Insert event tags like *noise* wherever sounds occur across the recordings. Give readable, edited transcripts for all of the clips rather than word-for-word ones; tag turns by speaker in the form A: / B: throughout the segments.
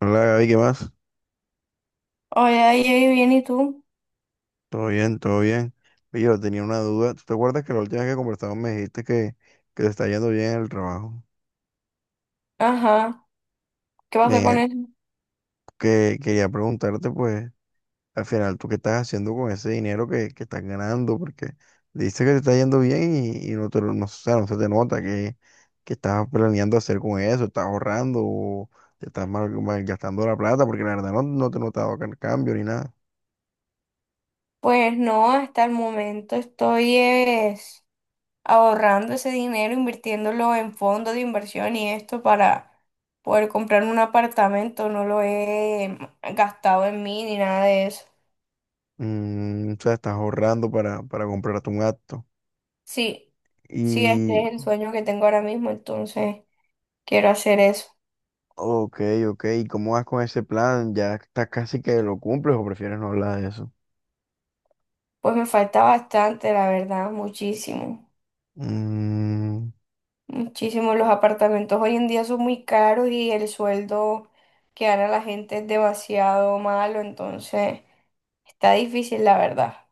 A: Hola Gaby, ¿qué más?
B: Hola, ahí bien, ¿y tú?
A: Todo bien, todo bien. Oye, yo tenía una duda. ¿Tú te acuerdas que la última vez que conversamos me dijiste que te está yendo bien en el trabajo?
B: Ajá, ¿qué pasa
A: Me,
B: con eso?
A: que quería preguntarte, pues, al final, ¿tú qué estás haciendo con ese dinero que estás ganando? Porque dices que te está yendo bien y no, o sea, no se te nota que estás planeando hacer con eso, estás ahorrando o te estás mal, gastando la plata, porque la verdad no, no te he notado cambio ni nada.
B: Pues no, hasta el momento estoy es, ahorrando ese dinero, invirtiéndolo en fondos de inversión y esto para poder comprar un apartamento. No lo he gastado en mí ni nada de eso.
A: Mm, o sea, estás ahorrando para comprarte un acto.
B: Sí, sí,
A: Y
B: Este es el sueño que tengo ahora mismo, entonces quiero hacer eso.
A: Ok, ok. ¿Y cómo vas con ese plan? ¿Ya estás casi que lo cumples o prefieres no hablar de eso?
B: Pues me falta bastante, la verdad, muchísimo.
A: Mm,
B: Muchísimo, los apartamentos hoy en día son muy caros y el sueldo que gana la gente es demasiado malo, entonces está difícil, la verdad.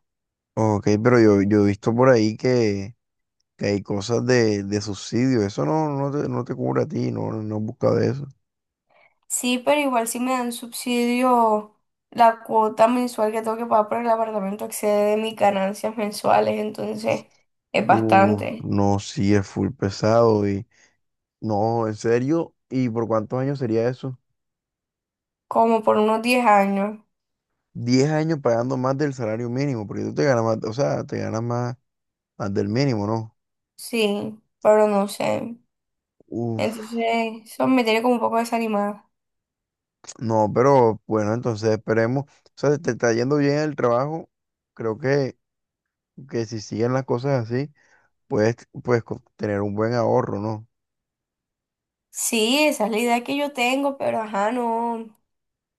A: ok, pero yo he visto por ahí que hay cosas de subsidio. Eso no te cubre a ti, no has buscado eso.
B: Sí, pero igual si me dan subsidio, la cuota mensual que tengo que pagar por el apartamento excede de mis ganancias mensuales, entonces es
A: Uf,
B: bastante,
A: no, sí, es full pesado y no, en serio. ¿Y por cuántos años sería eso?
B: como por unos 10 años,
A: 10 años pagando más del salario mínimo, porque tú te ganas más, o sea, te ganas más, más del mínimo, ¿no?
B: sí, pero no sé.
A: Uf.
B: Entonces, eso me tiene como un poco desanimada.
A: No, pero bueno, entonces esperemos. O sea, si te está yendo bien el trabajo. Creo que, si siguen las cosas así, puedes, puedes tener un buen ahorro, ¿no?
B: Sí, esa es la idea que yo tengo, pero ajá, no.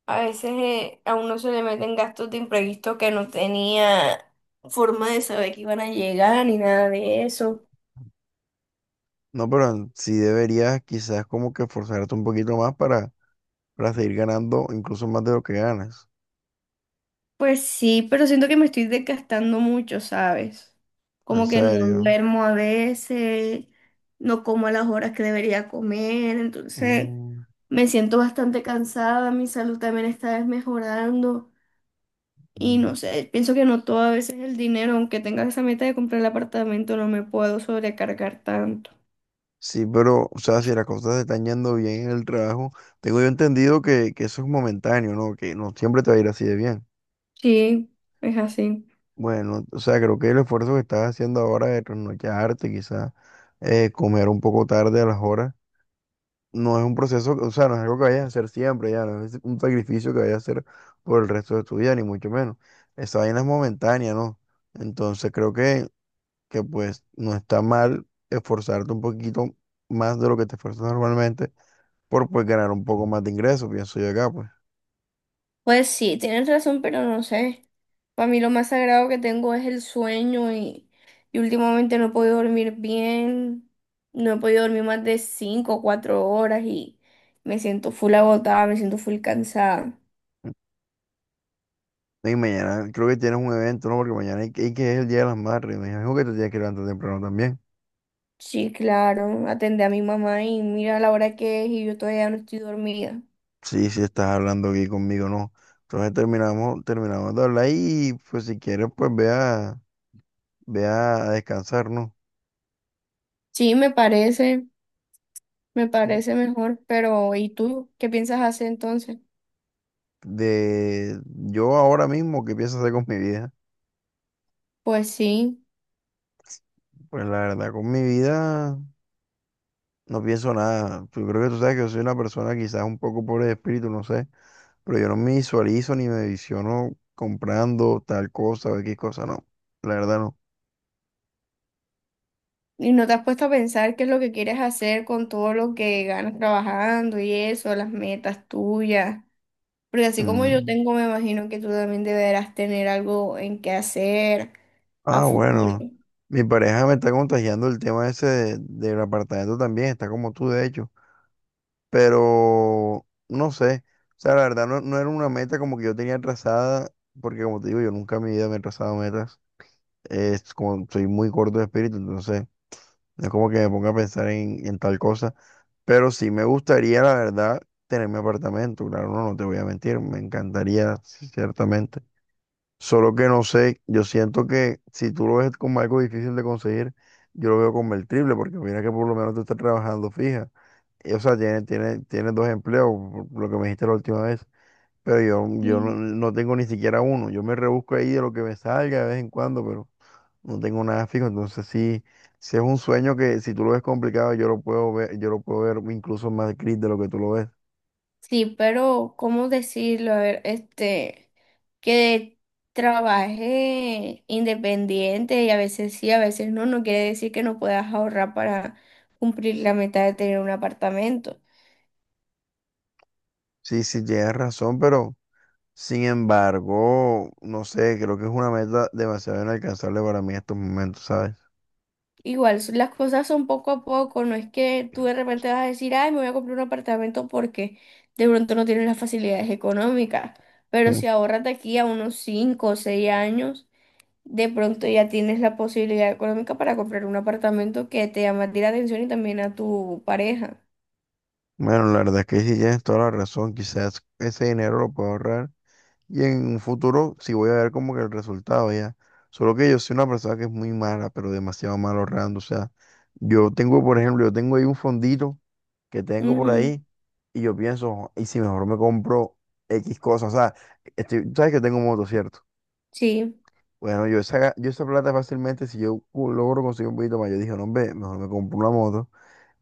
B: A veces a uno se le meten gastos de imprevisto que no tenía forma de saber que iban a llegar ni nada de eso.
A: No, pero sí deberías quizás como que esforzarte un poquito más para seguir ganando incluso más de lo que ganas.
B: Pues sí, pero siento que me estoy desgastando mucho, ¿sabes?
A: En
B: Como que no
A: serio.
B: duermo a veces, no como a las horas que debería comer, entonces
A: Mm.
B: me siento bastante cansada, mi salud también está desmejorando y no
A: Mm.
B: sé, pienso que no todo a veces el dinero, aunque tenga esa meta de comprar el apartamento, no me puedo sobrecargar tanto.
A: Sí, pero, o sea, si las cosas te están yendo bien en el trabajo, tengo yo entendido que eso es momentáneo, ¿no? Que no siempre te va a ir así de bien.
B: Sí, es así.
A: Bueno, o sea, creo que el esfuerzo que estás haciendo ahora de trasnocharte, quizás comer un poco tarde a las horas, no es un proceso, o sea, no es algo que vayas a hacer siempre, ya, no es un sacrificio que vayas a hacer por el resto de tu vida, ni mucho menos. Esa vaina es momentánea, ¿no? Entonces creo que, pues no está mal esforzarte un poquito más de lo que te esfuerzas normalmente por pues ganar un poco más de ingresos, pienso yo acá, pues.
B: Pues sí, tienes razón, pero no sé. Para mí lo más sagrado que tengo es el sueño y últimamente no he podido dormir bien. No he podido dormir más de 5 o 4 horas y me siento full agotada, me siento full cansada.
A: Y mañana creo que tienes un evento, ¿no? Porque mañana hay que es el Día de las Madres, me dijo que te tienes que levantar temprano también.
B: Sí, claro, atendí a mi mamá y mira la hora que es y yo todavía no estoy dormida.
A: Sí, sí, estás hablando aquí conmigo, no. Entonces terminamos de hablar y pues si quieres, pues ve a descansar, ¿no?
B: Sí, me parece, me
A: Mm,
B: parece mejor, pero ¿y tú qué piensas hacer entonces?
A: de yo ahora mismo, ¿qué pienso hacer con mi vida?
B: Pues sí.
A: Pues la verdad, con mi vida no pienso nada. Pues, yo creo que tú sabes que yo soy una persona quizás un poco pobre de espíritu, no sé, pero yo no me visualizo ni me visiono comprando tal cosa o X cosa, no. La verdad no.
B: ¿Y no te has puesto a pensar qué es lo que quieres hacer con todo lo que ganas trabajando y eso, las metas tuyas? Porque así como yo
A: Mm.
B: tengo, me imagino que tú también deberás tener algo en qué hacer a
A: Ah,
B: futuro.
A: bueno. Mi pareja me está contagiando el tema ese del apartamento también, está como tú de hecho, pero no sé, o sea, la verdad no era una meta como que yo tenía trazada, porque como te digo, yo nunca en mi vida me he trazado metas, es como soy muy corto de espíritu, entonces no es como que me ponga a pensar en tal cosa, pero sí me gustaría, la verdad, tener mi apartamento, claro, no te voy a mentir, me encantaría, sí, ciertamente. Solo que no sé, yo siento que si tú lo ves como algo difícil de conseguir, yo lo veo convertible porque mira que por lo menos tú estás trabajando fija. Y, o sea, tienes tiene, tiene tiene dos empleos, por lo que me dijiste la última vez. Pero yo no,
B: Sí.
A: no tengo ni siquiera uno. Yo me rebusco ahí de lo que me salga de vez en cuando, pero no tengo nada fijo. Entonces sí, sí es un sueño que si tú lo ves complicado, yo lo puedo ver, yo lo puedo ver incluso más gris de lo que tú lo ves.
B: Sí, pero ¿cómo decirlo? A ver, este, que trabaje independiente y a veces sí, a veces no, no quiere decir que no puedas ahorrar para cumplir la meta de tener un apartamento.
A: Sí, sí, tienes razón, pero sin embargo, no sé, creo que es una meta demasiado inalcanzable para mí en estos momentos, ¿sabes?
B: Igual, las cosas son poco a poco, no es que tú de repente vas a decir, ay, me voy a comprar un apartamento porque de pronto no tienes las facilidades económicas, pero
A: Mm.
B: si ahorras de aquí a unos 5 o 6 años, de pronto ya tienes la posibilidad económica para comprar un apartamento que te llama a ti la atención y también a tu pareja.
A: Bueno, la verdad es que sí tienes toda la razón, quizás ese dinero lo puedo ahorrar y en un futuro sí voy a ver como que el resultado ya. Solo que yo soy una persona que es muy mala, pero demasiado mala ahorrando, o sea, yo tengo, por ejemplo, yo tengo ahí un fondito que tengo por
B: Ujú.
A: ahí y yo pienso, "Jo, ¿y si mejor me compro X cosas? O sea, sabes que tengo moto, ¿cierto?
B: Sí,
A: Bueno, yo esa plata fácilmente, si yo logro conseguir un poquito más, yo dije, no, hombre, mejor me compro una moto.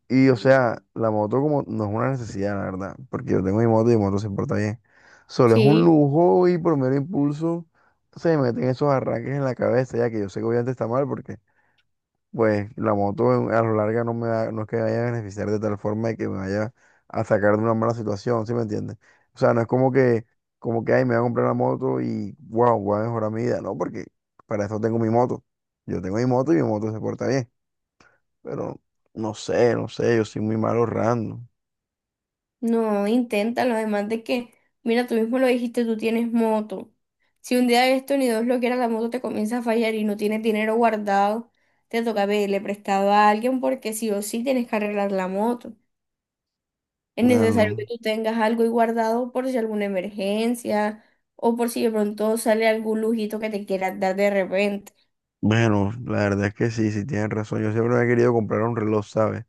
A: Y o sea, la moto como no es una necesidad, la verdad, porque yo tengo mi moto y mi moto se porta bien. Solo es un
B: sí.
A: lujo y por mero impulso se me meten esos arranques en la cabeza, ya que yo sé que obviamente está mal porque pues la moto a lo largo no es que me vaya a beneficiar de tal forma de que me vaya a sacar de una mala situación, ¿sí me entiendes? O sea, no es como que, ay, me voy a comprar la moto y, wow, voy a mejorar mi vida, no, porque para eso tengo mi moto. Yo tengo mi moto y mi moto se porta bien, pero no sé, no sé, yo soy muy mal ahorrando.
B: No, inténtalo, además de que, mira, tú mismo lo dijiste, tú tienes moto. Si un día de esto, ni Dios lo quiera, la moto te comienza a fallar y no tienes dinero guardado, te toca pedirle prestado a alguien porque sí o sí tienes que arreglar la moto. Es necesario que
A: Bueno,
B: tú tengas algo ahí guardado por si alguna emergencia o por si de pronto sale algún lujito que te quieras dar de repente.
A: bueno, la verdad es que sí, sí tienes razón. Yo siempre me he querido comprar un reloj, ¿sabes?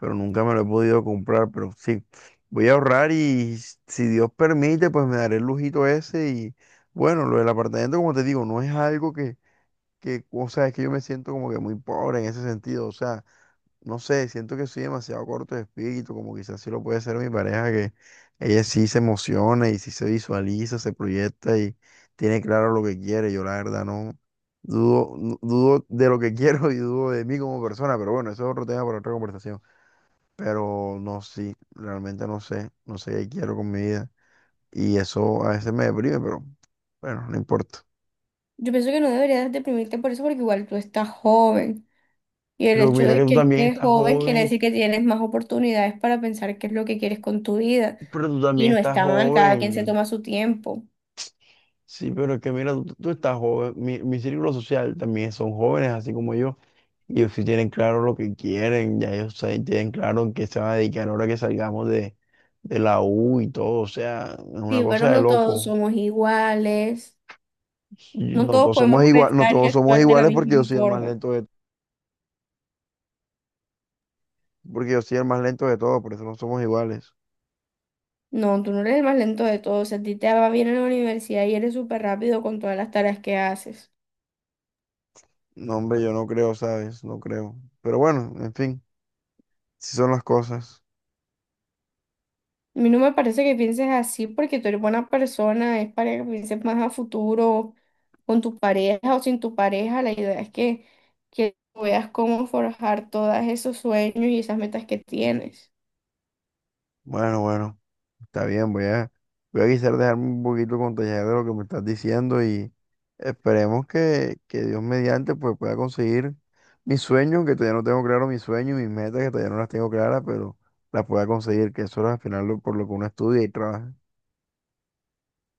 A: Pero nunca me lo he podido comprar, pero sí, voy a ahorrar y si Dios permite, pues me daré el lujito ese y bueno, lo del apartamento, como te digo, no es algo que o sea, es que yo me siento como que muy pobre en ese sentido, o sea, no sé, siento que soy demasiado corto de espíritu, como quizás sí lo puede ser mi pareja, que ella sí se emociona y sí se visualiza, se proyecta y tiene claro lo que quiere, yo la verdad no. Dudo, no, dudo de lo que *laughs* quiero y dudo de mí como persona, pero bueno, eso es otro tema para otra conversación, pero no, sí, realmente no sé, no sé qué quiero con mi vida. Y eso a veces me deprime, pero bueno, no importa.
B: Yo pienso que no deberías deprimirte por eso porque igual tú estás joven. Y el
A: Pero
B: hecho
A: mira que
B: de
A: tú
B: que
A: también
B: estés
A: estás
B: joven quiere
A: joven,
B: decir que tienes más oportunidades para pensar qué es lo que quieres con tu vida.
A: pero tú
B: Y
A: también
B: no
A: estás
B: está mal, cada quien se
A: joven.
B: toma su tiempo.
A: Sí, pero es que mira, tú estás joven. Mi círculo social también son jóvenes, así como yo. Y ellos sí tienen claro lo que quieren, ya ellos tienen claro en qué se van a dedicar ahora que salgamos de, la U y todo. O sea, es una
B: Sí, pero
A: cosa de
B: no todos
A: loco.
B: somos iguales.
A: Sí,
B: No
A: no
B: todos
A: todos somos
B: podemos
A: igual, no
B: pensar y
A: todos somos
B: actuar de la
A: iguales porque yo
B: misma
A: soy el más
B: forma.
A: lento. Porque yo soy el más lento de todos, por eso no somos iguales.
B: No, tú no eres el más lento de todos. Si a ti te va bien en la universidad y eres súper rápido con todas las tareas que haces.
A: No, hombre, yo no creo, ¿sabes? No creo. Pero bueno, en fin, si son las cosas.
B: A mí no me parece que pienses así porque tú eres buena persona, es para que pienses más a futuro, con tu pareja o sin tu pareja. La idea es que veas cómo forjar todos esos sueños y esas metas que tienes.
A: Bueno, bueno, está bien, voy a quizás dejarme un poquito contagiar de lo que me estás diciendo y esperemos que, Dios mediante pues pueda conseguir mis sueños, que todavía no tengo claro mis sueños y mis metas, que todavía no las tengo claras, pero las pueda conseguir, que eso es al final por lo que uno estudia y trabaja.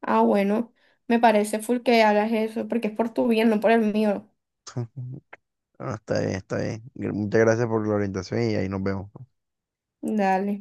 B: Ah, bueno, me parece full que hagas eso porque es por tu bien, no por el mío.
A: *laughs* Bueno, está bien, está bien. Muchas gracias por la orientación y ahí nos vemos.
B: Dale.